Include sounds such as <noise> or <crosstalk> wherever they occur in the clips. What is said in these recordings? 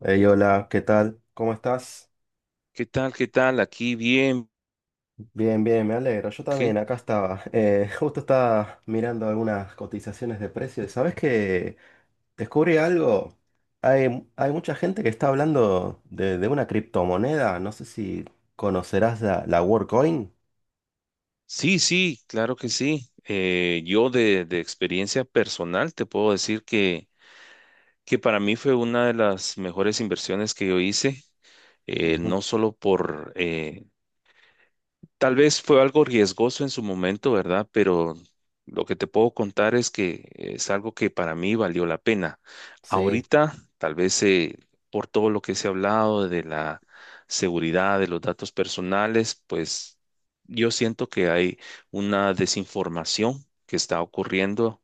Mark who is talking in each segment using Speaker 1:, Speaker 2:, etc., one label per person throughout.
Speaker 1: Hey, hola, ¿qué tal? ¿Cómo estás?
Speaker 2: ¿Qué tal? ¿Qué tal? Aquí bien.
Speaker 1: Bien, bien, me alegro. Yo también,
Speaker 2: ¿Qué?
Speaker 1: acá estaba. <laughs> Justo estaba mirando algunas cotizaciones de precios. ¿Sabes qué? Descubrí algo. Hay mucha gente que está hablando de una criptomoneda. No sé si conocerás la WorldCoin.
Speaker 2: Sí, sí, claro que sí. Yo de experiencia personal te puedo decir que para mí fue una de las mejores inversiones que yo hice,
Speaker 1: Ujú,
Speaker 2: no solo por. Tal vez fue algo riesgoso en su momento, ¿verdad? Pero lo que te puedo contar es que es algo que para mí valió la pena.
Speaker 1: sí.
Speaker 2: Ahorita, tal vez, por todo lo que se ha hablado de la seguridad de los datos personales, pues yo siento que hay una desinformación que está ocurriendo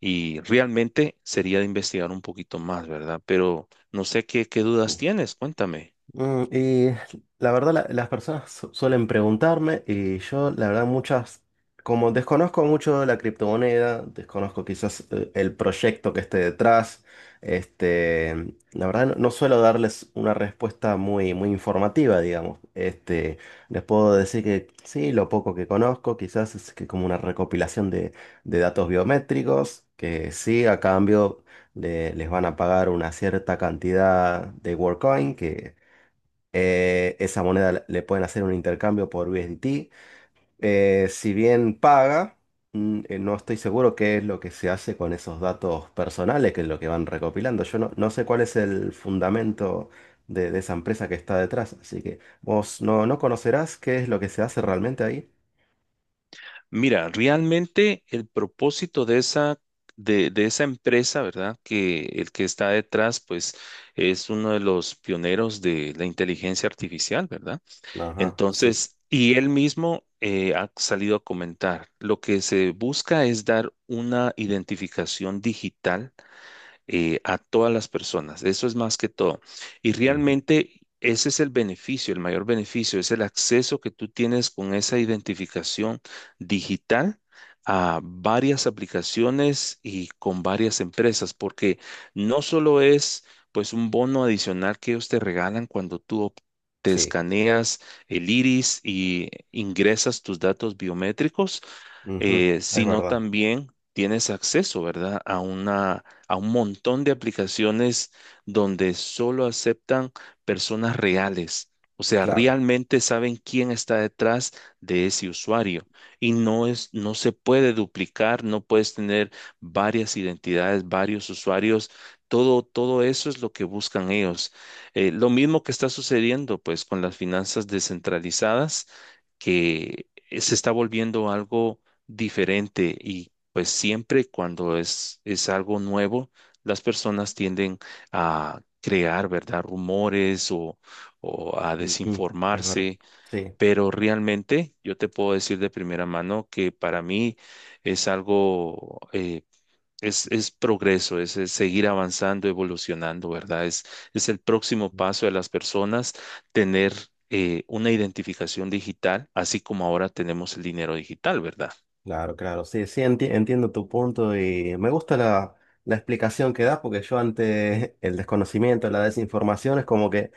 Speaker 2: y realmente sería de investigar un poquito más, ¿verdad? Pero no sé qué dudas tienes, cuéntame.
Speaker 1: Y la verdad las personas suelen preguntarme y yo la verdad muchas, como desconozco mucho la criptomoneda, desconozco quizás el proyecto que esté detrás, este, la verdad no suelo darles una respuesta muy, muy informativa, digamos. Este, les puedo decir que sí, lo poco que conozco quizás es que como una recopilación de datos biométricos, que sí, a cambio les van a pagar una cierta cantidad de WorkCoin que esa moneda le pueden hacer un intercambio por USDT. Si bien paga, no estoy seguro qué es lo que se hace con esos datos personales, que es lo que van recopilando. Yo no sé cuál es el fundamento de esa empresa que está detrás, así que vos no conocerás qué es lo que se hace realmente ahí.
Speaker 2: Mira, realmente el propósito de esa empresa, ¿verdad? Que el que está detrás, pues es uno de los pioneros de la inteligencia artificial, ¿verdad?
Speaker 1: Ajá, sí. Sí,
Speaker 2: Entonces, y él mismo ha salido a comentar, lo que se busca es dar una identificación digital a todas las personas. Eso es más que todo. Y
Speaker 1: ujú,
Speaker 2: realmente ese es el beneficio, el mayor beneficio, es el acceso que tú tienes con esa identificación digital a varias aplicaciones y con varias empresas, porque no solo es pues un bono adicional que ellos te regalan cuando te
Speaker 1: sí,
Speaker 2: escaneas el iris y ingresas tus datos biométricos,
Speaker 1: ujú, es
Speaker 2: sino
Speaker 1: verdad,
Speaker 2: también tienes acceso, ¿verdad? A una, a un montón de aplicaciones donde solo aceptan personas reales. O sea,
Speaker 1: claro.
Speaker 2: realmente saben quién está detrás de ese usuario y no es, no se puede duplicar, no puedes tener varias identidades, varios usuarios. Todo eso es lo que buscan ellos. Lo mismo que está sucediendo, pues, con las finanzas descentralizadas, que se está volviendo algo diferente y pues siempre cuando es algo nuevo, las personas tienden a crear, ¿verdad? Rumores o a
Speaker 1: Ujú, es verdad.
Speaker 2: desinformarse,
Speaker 1: Sí.
Speaker 2: pero realmente yo te puedo decir de primera mano que para mí es algo, es progreso, es seguir avanzando, evolucionando, ¿verdad? Es el próximo paso de las personas tener... una identificación digital, así como ahora tenemos el dinero digital, ¿verdad?
Speaker 1: Claro, claro, sí, sí, entiendo tu punto y me gusta la explicación que das porque yo ante el desconocimiento, la desinformación, es como que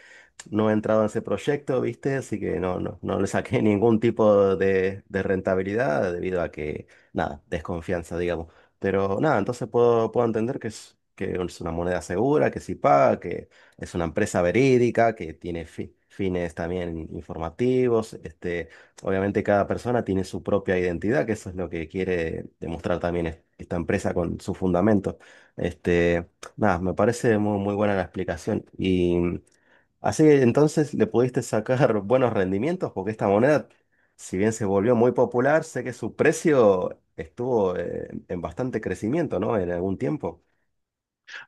Speaker 1: no he entrado en ese proyecto, ¿viste? Así que no, no, no le saqué <laughs> ningún tipo de rentabilidad debido a que, nada, desconfianza, digamos. Pero nada, entonces puedo entender que es una moneda segura, que sí paga, que es una empresa verídica, que tiene fines también informativos. Este, obviamente cada persona tiene su propia identidad, que eso es lo que quiere demostrar también esta empresa con su fundamento. Este, nada, me parece muy, muy buena la explicación. Y. Así que entonces le pudiste sacar <laughs> buenos rendimientos porque esta moneda, si bien se volvió muy popular, sé que su precio estuvo en bastante crecimiento, ¿no? En algún tiempo.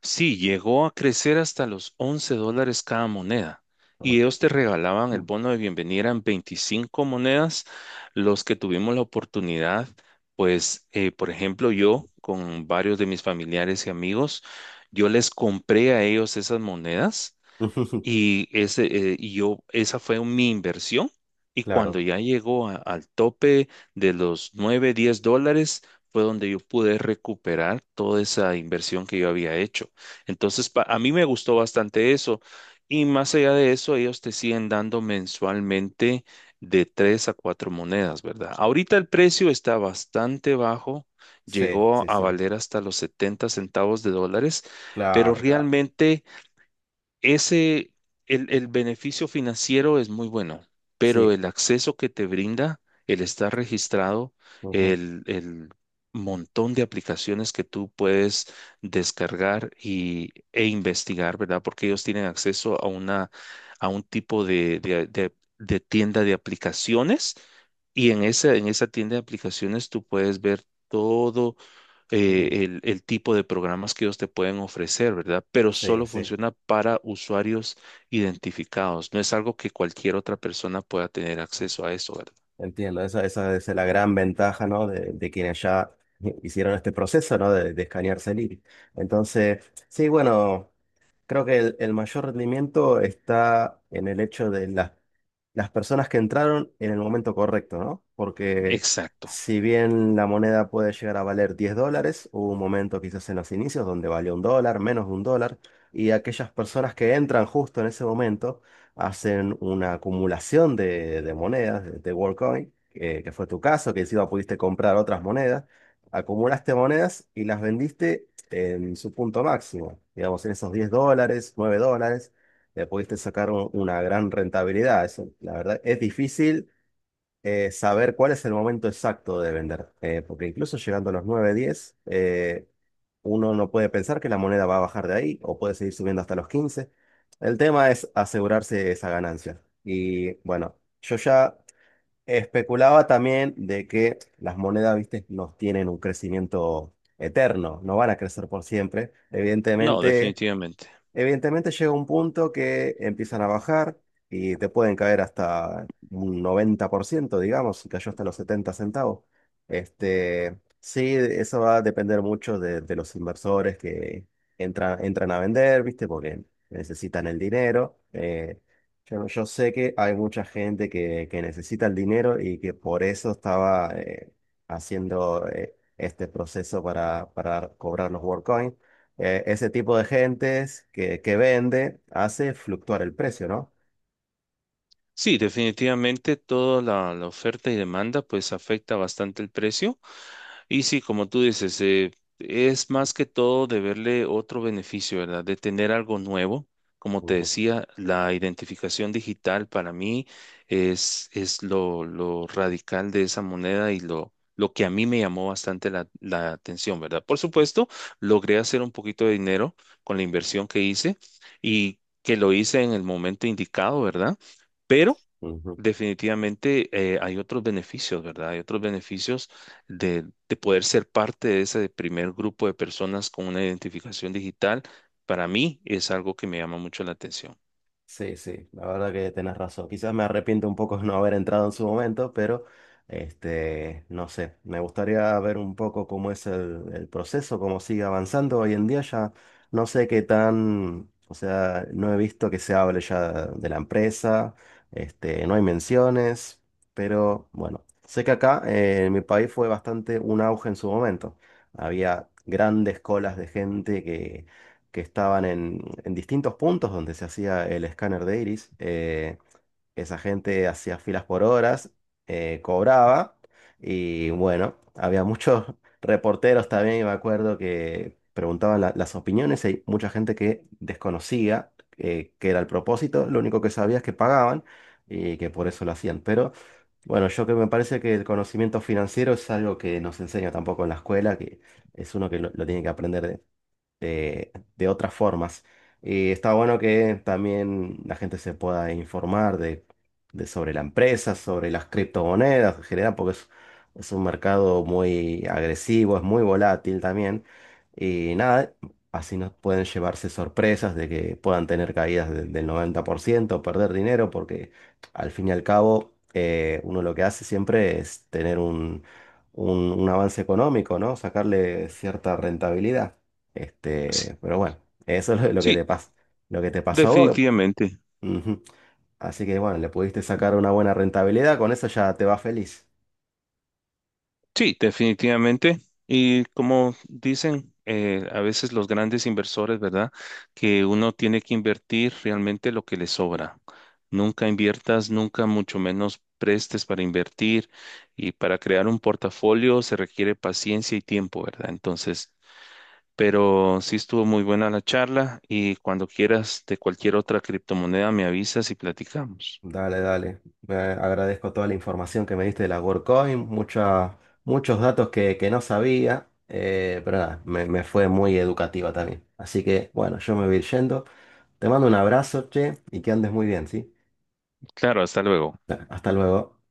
Speaker 2: Sí, llegó a crecer hasta los $11 cada moneda. Y
Speaker 1: ¿No?
Speaker 2: ellos te regalaban el bono de bienvenida en 25 monedas. Los que tuvimos la oportunidad, pues, por ejemplo, yo con varios de mis familiares y amigos, yo les compré a ellos esas monedas
Speaker 1: <laughs>
Speaker 2: y, ese, y yo, esa fue mi inversión. Y cuando
Speaker 1: Claro,
Speaker 2: ya al tope de los $9-10, fue donde yo pude recuperar toda esa inversión que yo había hecho. Entonces, a mí me gustó bastante eso. Y más allá de eso, ellos te siguen dando mensualmente de 3 a 4 monedas, ¿verdad? Ahorita el precio está bastante bajo.
Speaker 1: sí, sí,
Speaker 2: Llegó a
Speaker 1: sí.
Speaker 2: valer hasta los 70 centavos de dólares, pero
Speaker 1: Claro, claro.
Speaker 2: realmente ese, el beneficio financiero es muy bueno, pero
Speaker 1: Sí.
Speaker 2: el acceso que te brinda, el estar registrado,
Speaker 1: Ujú,
Speaker 2: el montón de aplicaciones que tú puedes descargar e investigar, ¿verdad? Porque ellos tienen acceso a una, a un tipo de tienda de aplicaciones. Y en esa tienda de aplicaciones tú puedes ver todo
Speaker 1: ujú.
Speaker 2: el tipo de programas que ellos te pueden ofrecer, ¿verdad? Pero solo
Speaker 1: Sí, sí.
Speaker 2: funciona para usuarios identificados. No es algo que cualquier otra persona pueda tener acceso a eso, ¿verdad?
Speaker 1: Entiendo. Esa es la gran ventaja, ¿no? De quienes ya <laughs> hicieron este proceso, ¿no? De escanearse el iris. Entonces, sí, bueno. Creo que el mayor rendimiento está en el hecho de las personas que entraron en el momento correcto, ¿no? Porque
Speaker 2: Exacto.
Speaker 1: si bien la moneda puede llegar a valer 10 dólares, hubo un momento quizás en los inicios donde valió un dólar, menos de un dólar, y aquellas personas que entran justo en ese momento hacen una acumulación de monedas, de WorldCoin, que fue tu caso, que encima pudiste comprar otras monedas, acumulaste monedas y las vendiste en su punto máximo. Digamos, en esos 10 dólares, 9 dólares, le pudiste sacar una gran rentabilidad. Eso, la verdad, es difícil saber cuál es el momento exacto de vender, porque incluso llegando a los 9 10 uno no puede pensar que la moneda va a bajar de ahí o puede seguir subiendo hasta los 15. El tema es asegurarse esa ganancia. Y bueno, yo ya especulaba también de que las monedas, viste, no tienen un crecimiento eterno, no van a crecer por siempre.
Speaker 2: No,
Speaker 1: Evidentemente,
Speaker 2: definitivamente.
Speaker 1: Llega un punto que empiezan a bajar y te pueden caer hasta un 90%, digamos, y cayó hasta los 70 centavos. Este, sí, eso va a depender mucho de los inversores que entran a vender, ¿viste? Porque necesitan el dinero. Yo sé que hay mucha gente que necesita el dinero y que por eso estaba haciendo este proceso para cobrar los WorldCoin. Ese tipo de gentes que vende hace fluctuar el precio, ¿no?
Speaker 2: Sí, definitivamente toda la oferta y demanda pues afecta bastante el precio. Y sí, como tú dices, es más que todo de verle otro beneficio, ¿verdad? De tener algo nuevo. Como te
Speaker 1: Ujú,
Speaker 2: decía, la identificación digital para mí es lo radical de esa moneda y lo que a mí me llamó bastante la atención, ¿verdad? Por supuesto, logré hacer un poquito de dinero con la inversión que hice y que lo hice en el momento indicado, ¿verdad? Pero
Speaker 1: ujú.
Speaker 2: definitivamente hay otros beneficios, ¿verdad? Hay otros beneficios de poder ser parte de ese primer grupo de personas con una identificación digital. Para mí es algo que me llama mucho la atención.
Speaker 1: Sí, sí, la verdad que tenés razón. Quizás me arrepiento un poco de no haber entrado en su momento, pero este, no sé, me gustaría ver un poco cómo es el proceso, cómo sigue avanzando. Hoy en día ya no sé qué tan, o sea, no he visto que se hable ya de la empresa, este, no hay menciones, pero bueno, sé que acá en mi país fue bastante un auge en su momento. Había grandes colas de gente que estaban en distintos puntos donde se hacía el escáner de iris. Esa gente hacía filas por horas, cobraba y bueno, había muchos <laughs> reporteros también, y me acuerdo, que preguntaban las opiniones y hay mucha gente que desconocía qué era el propósito, lo único que sabía es que pagaban y que por eso lo hacían. Pero bueno, yo que me parece que el conocimiento financiero es algo que nos enseña tampoco en la escuela, que es uno que lo tiene que aprender de otras formas. Y está bueno que también la gente se pueda informar de sobre la empresa, sobre las criptomonedas en general, porque es un mercado muy agresivo, es muy volátil también. Y nada, así nos pueden llevarse sorpresas de que puedan tener caídas del 90%, perder dinero, porque al fin y al cabo uno lo que hace siempre es tener un, un avance económico, ¿no? Sacarle cierta rentabilidad.
Speaker 2: Sí,
Speaker 1: Este, pero bueno, eso es lo que
Speaker 2: sí,
Speaker 1: te pasa, lo que te pasó a vos.
Speaker 2: definitivamente.
Speaker 1: Ujú. Así que bueno, le pudiste sacar una buena rentabilidad, con eso ya te va feliz.
Speaker 2: Sí, definitivamente. Y como dicen a veces los grandes inversores, ¿verdad? Que uno tiene que invertir realmente lo que le sobra. Nunca inviertas, nunca mucho menos prestes para invertir. Y para crear un portafolio se requiere paciencia y tiempo, ¿verdad? Entonces, pero sí estuvo muy buena la charla y cuando quieras de cualquier otra criptomoneda me avisas y platicamos.
Speaker 1: Dale, dale. Eh, agradezco toda la información que me diste de la WorldCoin, muchos datos que no sabía, pero nada, me fue muy educativa también. Así que bueno, yo me voy a ir yendo. Te mando un abrazo, che, y que andes muy bien, ¿sí?
Speaker 2: Claro, hasta luego.
Speaker 1: Hasta luego.